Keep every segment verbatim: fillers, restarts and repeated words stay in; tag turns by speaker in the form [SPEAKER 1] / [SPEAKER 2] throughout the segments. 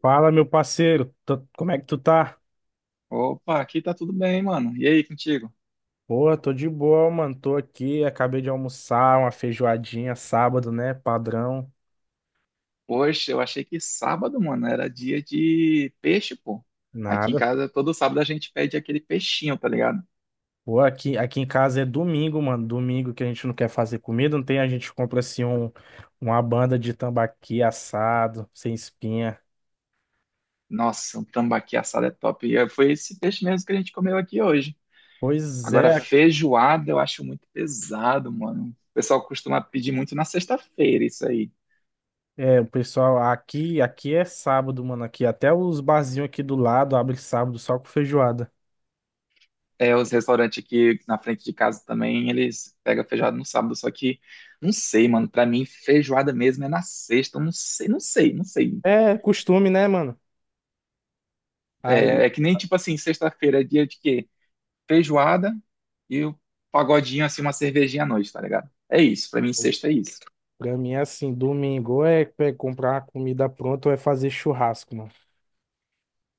[SPEAKER 1] Fala, meu parceiro. Tô- como é que tu tá?
[SPEAKER 2] Opa, aqui tá tudo bem, mano. E aí, contigo?
[SPEAKER 1] Porra, tô de boa, mano. Tô aqui, acabei de almoçar uma feijoadinha sábado, né? Padrão,
[SPEAKER 2] Poxa, eu achei que sábado, mano, era dia de peixe, pô. Aqui em
[SPEAKER 1] nada.
[SPEAKER 2] casa, todo sábado a gente pede aquele peixinho, tá ligado?
[SPEAKER 1] Pô, aqui, aqui em casa é domingo, mano. Domingo que a gente não quer fazer comida, não tem, a gente compra assim um, uma banda de tambaqui assado, sem espinha.
[SPEAKER 2] Nossa, um tambaqui assado é top. E foi esse peixe mesmo que a gente comeu aqui hoje.
[SPEAKER 1] Pois
[SPEAKER 2] Agora,
[SPEAKER 1] é,
[SPEAKER 2] feijoada eu acho muito pesado, mano. O pessoal costuma pedir muito na sexta-feira isso aí.
[SPEAKER 1] é, o pessoal, aqui, aqui é sábado, mano. Aqui até os barzinhos aqui do lado abrem sábado só com feijoada.
[SPEAKER 2] É, os restaurantes aqui na frente de casa também, eles pegam feijoada no sábado, só que não sei, mano. Pra mim, feijoada mesmo é na sexta. Eu não sei, não sei, não sei.
[SPEAKER 1] É costume, né, mano?
[SPEAKER 2] É, é que nem tipo assim, sexta-feira é dia de quê? Feijoada e o pagodinho, assim, uma cervejinha à noite, tá ligado? É isso, pra mim sexta é isso.
[SPEAKER 1] Pra mim é assim, domingo ou é pe- comprar uma comida pronta ou é fazer churrasco, mano.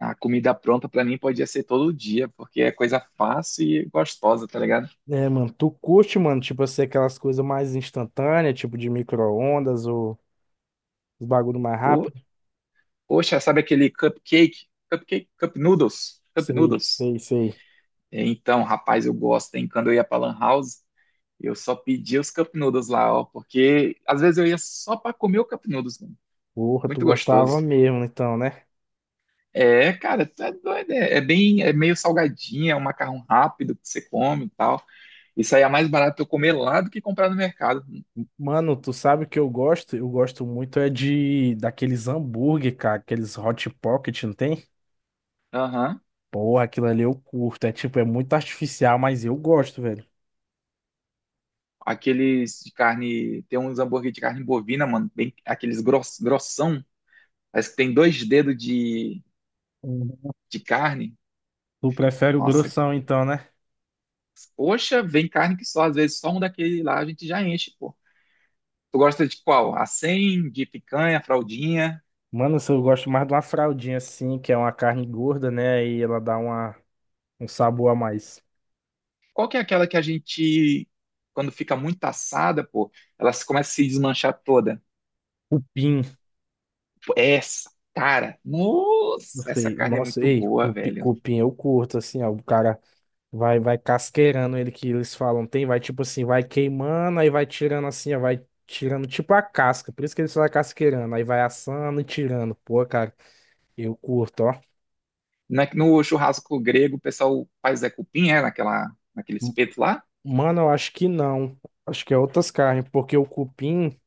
[SPEAKER 2] A comida pronta pra mim podia ser todo dia, porque é coisa fácil e gostosa, tá ligado?
[SPEAKER 1] É, mano, tu curte, mano, tipo assim, aquelas coisas mais instantâneas, tipo de micro-ondas ou os bagulho mais
[SPEAKER 2] O,
[SPEAKER 1] rápido?
[SPEAKER 2] poxa, sabe aquele cupcake? Cupcake? Cup noodles? Cup
[SPEAKER 1] Sei,
[SPEAKER 2] noodles?
[SPEAKER 1] sei, sei.
[SPEAKER 2] É, então, rapaz, eu gosto, hein? Quando eu ia pra Lan House, eu só pedia os cup noodles lá, ó, porque às vezes eu ia só pra comer o cup noodles, mano.
[SPEAKER 1] Porra, tu
[SPEAKER 2] Muito
[SPEAKER 1] gostava
[SPEAKER 2] gostoso.
[SPEAKER 1] mesmo, então, né?
[SPEAKER 2] É, cara, tu é doido. É, é bem, é meio salgadinha, é um macarrão rápido que você come e tal. Isso aí é mais barato eu comer lá do que comprar no mercado.
[SPEAKER 1] Mano, tu sabe o que eu gosto? Eu gosto muito é de daqueles hambúrguer, cara, aqueles Hot Pocket, não tem?
[SPEAKER 2] Aham.
[SPEAKER 1] Porra, aquilo ali eu curto. É tipo, é muito artificial, mas eu gosto, velho.
[SPEAKER 2] Aqueles de carne, tem uns hambúrguer de carne bovina, mano, bem, aqueles gross, grossão. Parece que tem dois dedos de,
[SPEAKER 1] Uhum.
[SPEAKER 2] de carne.
[SPEAKER 1] Tu prefere o
[SPEAKER 2] Nossa,
[SPEAKER 1] grossão, então, né?
[SPEAKER 2] poxa, vem carne que só, às vezes só um daquele lá a gente já enche, pô. Tu gosta de qual? A cem, de picanha, fraldinha?
[SPEAKER 1] Mano, eu gosto mais de uma fraldinha assim, que é uma carne gorda, né? Aí ela dá uma, um sabor a mais.
[SPEAKER 2] Qual que é aquela que a gente, quando fica muito assada, pô, ela se- começa a se desmanchar toda?
[SPEAKER 1] Cupim,
[SPEAKER 2] Pô, essa, cara,
[SPEAKER 1] não
[SPEAKER 2] nossa, essa
[SPEAKER 1] sei.
[SPEAKER 2] carne é
[SPEAKER 1] Nossa,
[SPEAKER 2] muito
[SPEAKER 1] ei,
[SPEAKER 2] boa,
[SPEAKER 1] cupi,
[SPEAKER 2] velho.
[SPEAKER 1] cupim eu curto, assim, ó. O cara vai, vai casqueirando ele que eles falam, tem, vai tipo assim, vai queimando, aí vai tirando assim, ó, vai tirando tipo a casca. Por isso que eles falam casqueirando, aí vai assando e tirando. Pô, cara, eu curto, ó.
[SPEAKER 2] Na- No churrasco grego, o pessoal faz é cupim, é, naquela, naquele
[SPEAKER 1] M-
[SPEAKER 2] espeto lá?
[SPEAKER 1] Mano, eu acho que não. Acho que é outras carnes, porque o cupim.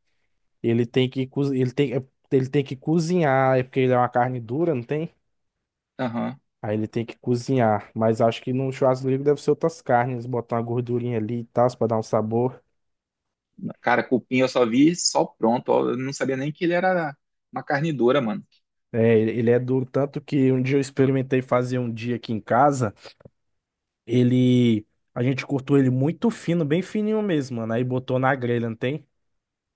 [SPEAKER 1] Ele tem que co- ele tem, é- Ele tem que cozinhar, é porque ele é uma carne dura, não tem?
[SPEAKER 2] Aham.
[SPEAKER 1] Aí ele tem que cozinhar, mas acho que no churrasco livre deve ser outras carnes, botar uma gordurinha ali e tal, pra dar um sabor.
[SPEAKER 2] Cara, cupim eu só vi só pronto, ó, eu não sabia nem que ele era uma carne dura, mano.
[SPEAKER 1] É, ele ele é duro, tanto que um dia eu experimentei fazer um dia aqui em casa, ele, a gente cortou ele muito fino, bem fininho mesmo, mano, aí botou na grelha, não tem?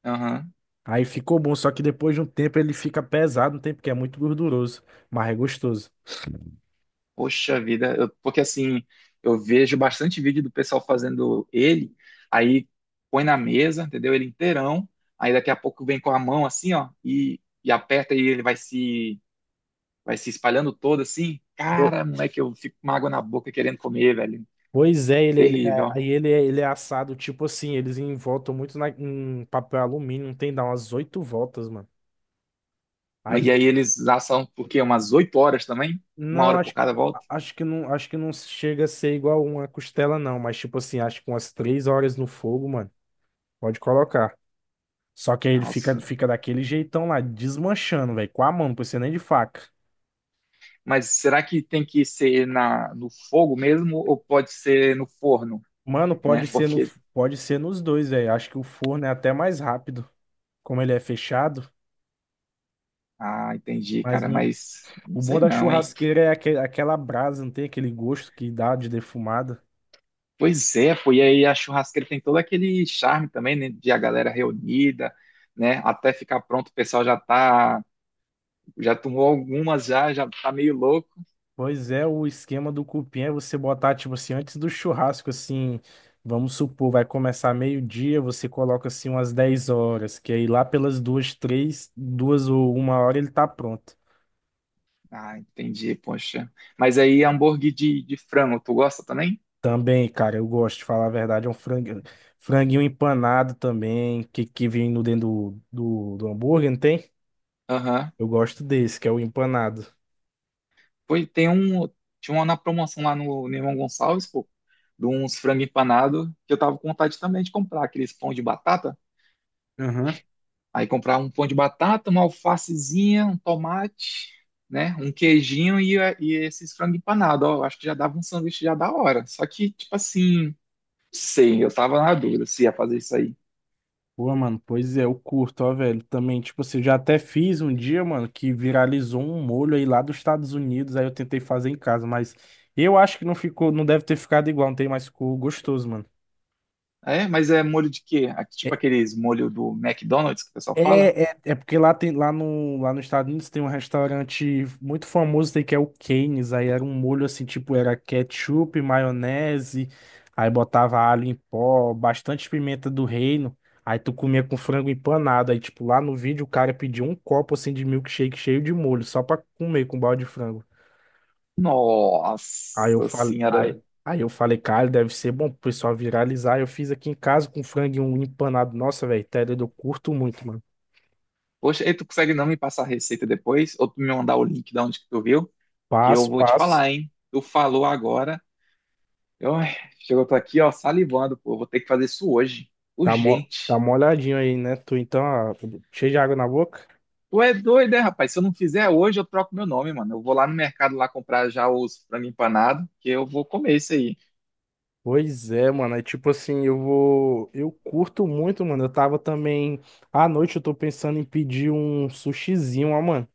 [SPEAKER 2] Aham.
[SPEAKER 1] Aí ficou bom, só que depois de um tempo ele fica pesado, não tem? Porque é muito gorduroso, mas é gostoso.
[SPEAKER 2] Poxa vida, eu- porque assim, eu vejo bastante vídeo do pessoal fazendo ele, aí põe na mesa, entendeu? Ele inteirão, aí daqui a pouco vem com a mão assim, ó, e, e aperta e ele vai se vai se espalhando todo assim. Cara, moleque, eu fico com uma água na boca querendo comer, velho.
[SPEAKER 1] Pois é, ele, ele-
[SPEAKER 2] Terrível,
[SPEAKER 1] é,
[SPEAKER 2] ó.
[SPEAKER 1] aí ele, é- ele é assado, tipo assim, eles envoltam muito na- em papel alumínio, não tem, dá umas oito voltas, mano. Aí,
[SPEAKER 2] Mas e aí
[SPEAKER 1] de-
[SPEAKER 2] eles assam, por quê? Umas oito horas também? Uma
[SPEAKER 1] não,
[SPEAKER 2] hora por
[SPEAKER 1] acho, que-
[SPEAKER 2] cada
[SPEAKER 1] a-
[SPEAKER 2] volta?
[SPEAKER 1] Acho que não, acho que não chega a ser igual uma costela, não, mas tipo assim, acho que umas três horas no fogo, mano, pode colocar. Só que aí ele fica,
[SPEAKER 2] Nossa.
[SPEAKER 1] fica daquele jeitão lá, desmanchando, velho, com a mão, não precisa nem de faca.
[SPEAKER 2] Mas será que tem que ser na, no fogo mesmo ou pode ser no forno?
[SPEAKER 1] Mano,
[SPEAKER 2] Né?
[SPEAKER 1] pode ser no,
[SPEAKER 2] Porque.
[SPEAKER 1] pode ser nos dois, velho, acho que o forno é até mais rápido, como ele é fechado,
[SPEAKER 2] Ah, entendi,
[SPEAKER 1] mas
[SPEAKER 2] cara,
[SPEAKER 1] não.
[SPEAKER 2] mas não
[SPEAKER 1] O bom
[SPEAKER 2] sei
[SPEAKER 1] da
[SPEAKER 2] não, hein?
[SPEAKER 1] churrasqueira é aque- aquela brasa, não tem aquele gosto que dá de defumada.
[SPEAKER 2] Pois é, pô, e aí a churrasqueira tem todo aquele charme também, né, de a galera reunida, né? Até ficar pronto, o pessoal já tá, já tomou algumas já, já tá meio louco.
[SPEAKER 1] Pois é, o esquema do cupim é você botar, tipo assim, antes do churrasco, assim, vamos supor, vai começar meio-dia, você coloca assim umas dez horas, que aí lá pelas duas, três, duas ou uma hora ele tá pronto.
[SPEAKER 2] Ah, entendi, poxa. Mas aí hambúrguer de, de frango, tu gosta também?
[SPEAKER 1] Também, cara, eu gosto de falar a verdade, é um franguinho, franguinho empanado também, que, que vem no dentro do, do, do hambúrguer, não tem?
[SPEAKER 2] Aham.
[SPEAKER 1] Eu gosto desse, que é o empanado.
[SPEAKER 2] Pois tem um, tinha uma na promoção lá no, no, Irmão Gonçalves, pô, de uns frango empanado, que eu tava com vontade também de comprar, aqueles pão de batata. Aí comprar um pão de batata, uma alfacezinha, um tomate, né? Um queijinho e, e esses frango empanado. Ó, eu acho que já dava um sanduíche já da hora. Só que, tipo assim, não sei, eu tava na dúvida se ia fazer isso aí.
[SPEAKER 1] Pô, mano, pois é, eu curto, ó, velho. Também, tipo assim, eu já até fiz um dia, mano, que viralizou um molho aí lá dos Estados Unidos, aí eu tentei fazer em casa, mas eu acho que não ficou, não deve ter ficado igual, não tem mais ficou gostoso, mano.
[SPEAKER 2] É, mas é molho de quê? Aqui, tipo aqueles molho do McDonald's que o pessoal fala?
[SPEAKER 1] É, é, é porque lá, tem, lá, no, lá nos Estados Unidos tem um restaurante muito famoso aí que é o Cane's. Aí era um molho assim, tipo, era ketchup, maionese, aí botava alho em pó, bastante pimenta do reino. Aí tu comia com frango empanado. Aí, tipo, lá no vídeo o cara pediu um copo assim de milkshake cheio de molho, só pra comer com balde de frango. Aí eu
[SPEAKER 2] Nossa
[SPEAKER 1] falei,
[SPEAKER 2] senhora.
[SPEAKER 1] aí, aí eu falei, cara, deve ser bom pro pessoal viralizar. Eu fiz aqui em casa com frango e um empanado. Nossa, velho, tédio, eu curto muito, mano.
[SPEAKER 2] Poxa, e tu consegue não me passar a receita depois? Ou tu me mandar o link de onde que tu viu? Que eu
[SPEAKER 1] Passo,
[SPEAKER 2] vou te
[SPEAKER 1] passo.
[SPEAKER 2] falar, hein? Tu falou agora. Eu, ai, chegou, eu tô aqui, ó, salivando, pô. Eu vou ter que fazer isso hoje.
[SPEAKER 1] Tá, mo tá
[SPEAKER 2] Urgente.
[SPEAKER 1] molhadinho aí, né? Tu então, ah, cheio de água na boca?
[SPEAKER 2] Tu é doido, é, rapaz? Se eu não fizer hoje, eu troco meu nome, mano. Eu vou lá no mercado lá comprar já os frango empanado, que eu vou comer isso aí.
[SPEAKER 1] Pois é, mano. É tipo assim, eu vou. Eu curto muito, mano. Eu tava também. À noite eu tô pensando em pedir um sushizinho, ó, mano.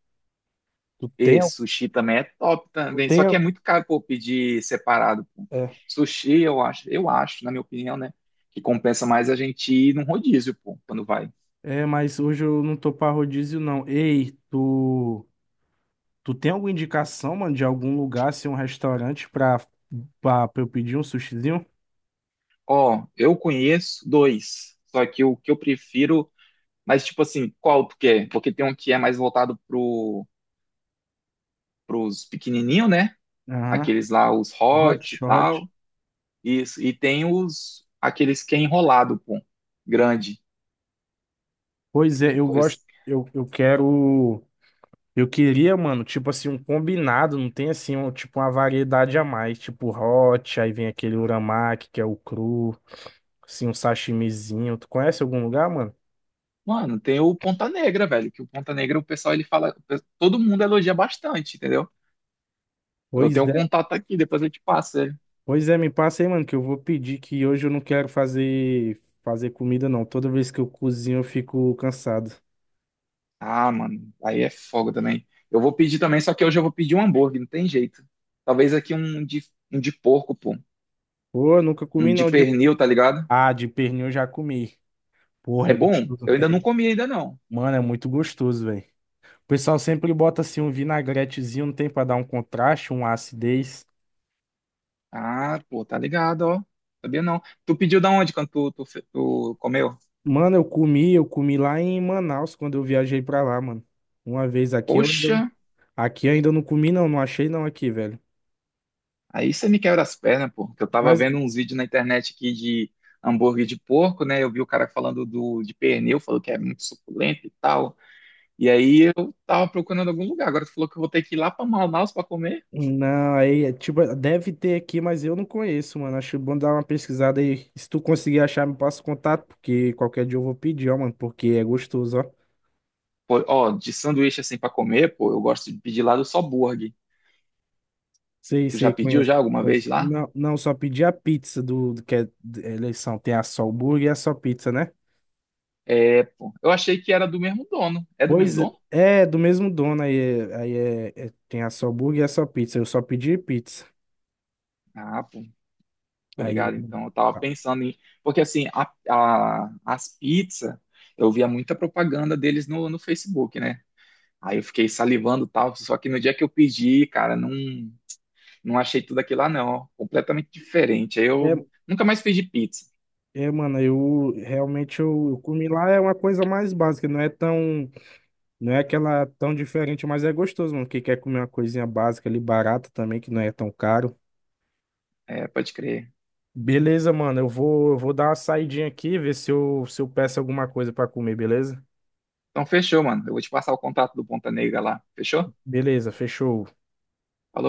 [SPEAKER 1] Tu tem?
[SPEAKER 2] E
[SPEAKER 1] al-
[SPEAKER 2] sushi também é top
[SPEAKER 1] Tu
[SPEAKER 2] também.
[SPEAKER 1] tem?
[SPEAKER 2] Só que é
[SPEAKER 1] al-
[SPEAKER 2] muito caro, pô, pedir separado, pô.
[SPEAKER 1] É.
[SPEAKER 2] Sushi, eu acho, eu acho, na minha opinião, né? Que compensa mais a gente ir num rodízio, pô, quando vai.
[SPEAKER 1] É, mas hoje eu não tô pra rodízio, não. Ei, tu. Tu tem alguma indicação, mano, de algum lugar, assim, um restaurante pra, pra, pra eu pedir um sushizinho?
[SPEAKER 2] Ó, eu conheço dois. Só que o que eu prefiro. Mas, tipo assim, qual tu quer? Porque tem um que é mais voltado pro pros pequenininhos, né?
[SPEAKER 1] Aham.
[SPEAKER 2] Aqueles lá, os
[SPEAKER 1] Hot,
[SPEAKER 2] hot e
[SPEAKER 1] hot.
[SPEAKER 2] tal. Isso. E tem os aqueles que é enrolado, pô. Grande.
[SPEAKER 1] Pois
[SPEAKER 2] É
[SPEAKER 1] é, eu
[SPEAKER 2] co-
[SPEAKER 1] gosto.
[SPEAKER 2] es-
[SPEAKER 1] Eu, eu quero. Eu queria, mano, tipo assim, um combinado, não tem assim, um, tipo uma variedade a mais, tipo hot, aí vem aquele uramaki, que é o cru, assim, um sashimizinho. Tu conhece algum lugar, mano?
[SPEAKER 2] Mano, tem o Ponta Negra, velho. Que o Ponta Negra, o pessoal, ele fala. Todo mundo elogia bastante, entendeu? Eu tenho
[SPEAKER 1] Pois
[SPEAKER 2] um
[SPEAKER 1] é,
[SPEAKER 2] contato aqui, depois eu te passo ele.
[SPEAKER 1] pois é, me passa aí, mano, que eu vou pedir que hoje eu não quero fazer fazer comida não. Toda vez que eu cozinho eu fico cansado.
[SPEAKER 2] Ah, mano, aí é fogo também. Eu vou pedir também, só que hoje eu vou pedir um hambúrguer, não tem jeito. Talvez aqui um de, um de porco, pô.
[SPEAKER 1] Pô, eu nunca
[SPEAKER 2] Um
[SPEAKER 1] comi
[SPEAKER 2] de
[SPEAKER 1] não de
[SPEAKER 2] pernil, tá ligado?
[SPEAKER 1] Ah, de pernil eu já comi.
[SPEAKER 2] É
[SPEAKER 1] Porra, é
[SPEAKER 2] bom?
[SPEAKER 1] gostoso.
[SPEAKER 2] Eu ainda não
[SPEAKER 1] É,
[SPEAKER 2] comi ainda não.
[SPEAKER 1] mano, é muito gostoso, velho. O pessoal sempre bota assim um vinagretezinho, não tem pra dar um contraste, uma acidez.
[SPEAKER 2] Ah, pô, tá ligado, ó. Sabia não. Tu pediu da onde quando tu, tu, fe- tu comeu?
[SPEAKER 1] Mano, eu comi, eu comi lá em Manaus quando eu viajei pra lá, mano. Uma vez aqui eu ainda,
[SPEAKER 2] Poxa,
[SPEAKER 1] aqui eu ainda não comi não, não achei não aqui, velho.
[SPEAKER 2] aí você me quebra as pernas, pô. Que eu tava
[SPEAKER 1] Mas
[SPEAKER 2] vendo uns vídeos na internet aqui de hambúrguer de porco, né? Eu vi o cara falando do, de pernil, falou que é muito suculento e tal. E aí eu tava procurando algum lugar. Agora tu falou que eu vou ter que ir lá pra Manaus pra comer.
[SPEAKER 1] não, aí é, tipo, deve ter aqui, mas eu não conheço, mano. Acho bom dar uma pesquisada aí. Se tu conseguir achar, me passa o contato, porque qualquer dia eu vou pedir, ó, mano, porque é gostoso, ó.
[SPEAKER 2] Pô, ó, de sanduíche assim pra comer, pô, eu gosto de pedir lá do Só Burger.
[SPEAKER 1] Sei,
[SPEAKER 2] Tu já
[SPEAKER 1] sei,
[SPEAKER 2] pediu
[SPEAKER 1] conheço,
[SPEAKER 2] já alguma vez
[SPEAKER 1] conheço.
[SPEAKER 2] lá?
[SPEAKER 1] Não, não, só pedi a pizza do, do que é de- é eleição. Tem a só hambúrguer e a só pizza, né?
[SPEAKER 2] É, pô. Eu achei que era do mesmo dono. É do mesmo
[SPEAKER 1] Pois
[SPEAKER 2] dono?
[SPEAKER 1] é, do mesmo dono, aí, é- aí é, é- tem a só burger e a só pizza. Eu só pedi pizza.
[SPEAKER 2] Ah, pô. Tô
[SPEAKER 1] Aí eu...
[SPEAKER 2] ligado, então eu tava
[SPEAKER 1] Ah.
[SPEAKER 2] pensando em. Porque assim, a, a- as pizzas, eu via muita propaganda deles no, no, Facebook, né? Aí eu fiquei salivando e tal, só que no dia que eu pedi, cara, não, não achei tudo aquilo lá, não. Ó, completamente diferente. Aí
[SPEAKER 1] É,
[SPEAKER 2] eu nunca mais pedi pizza.
[SPEAKER 1] é, mano, eu realmente eu, eu comi lá é uma coisa mais básica, não é tão, não é aquela tão diferente, mas é gostoso, mano. Quem quer comer uma coisinha básica ali, barata também, que não é tão caro.
[SPEAKER 2] É, pode crer.
[SPEAKER 1] Beleza, mano, eu vou, eu vou dar uma saidinha aqui, ver se eu, se eu peço alguma coisa pra comer, beleza?
[SPEAKER 2] Então fechou, mano. Eu vou te passar o contato do Ponta Negra lá. Fechou?
[SPEAKER 1] Beleza, fechou.
[SPEAKER 2] Falou.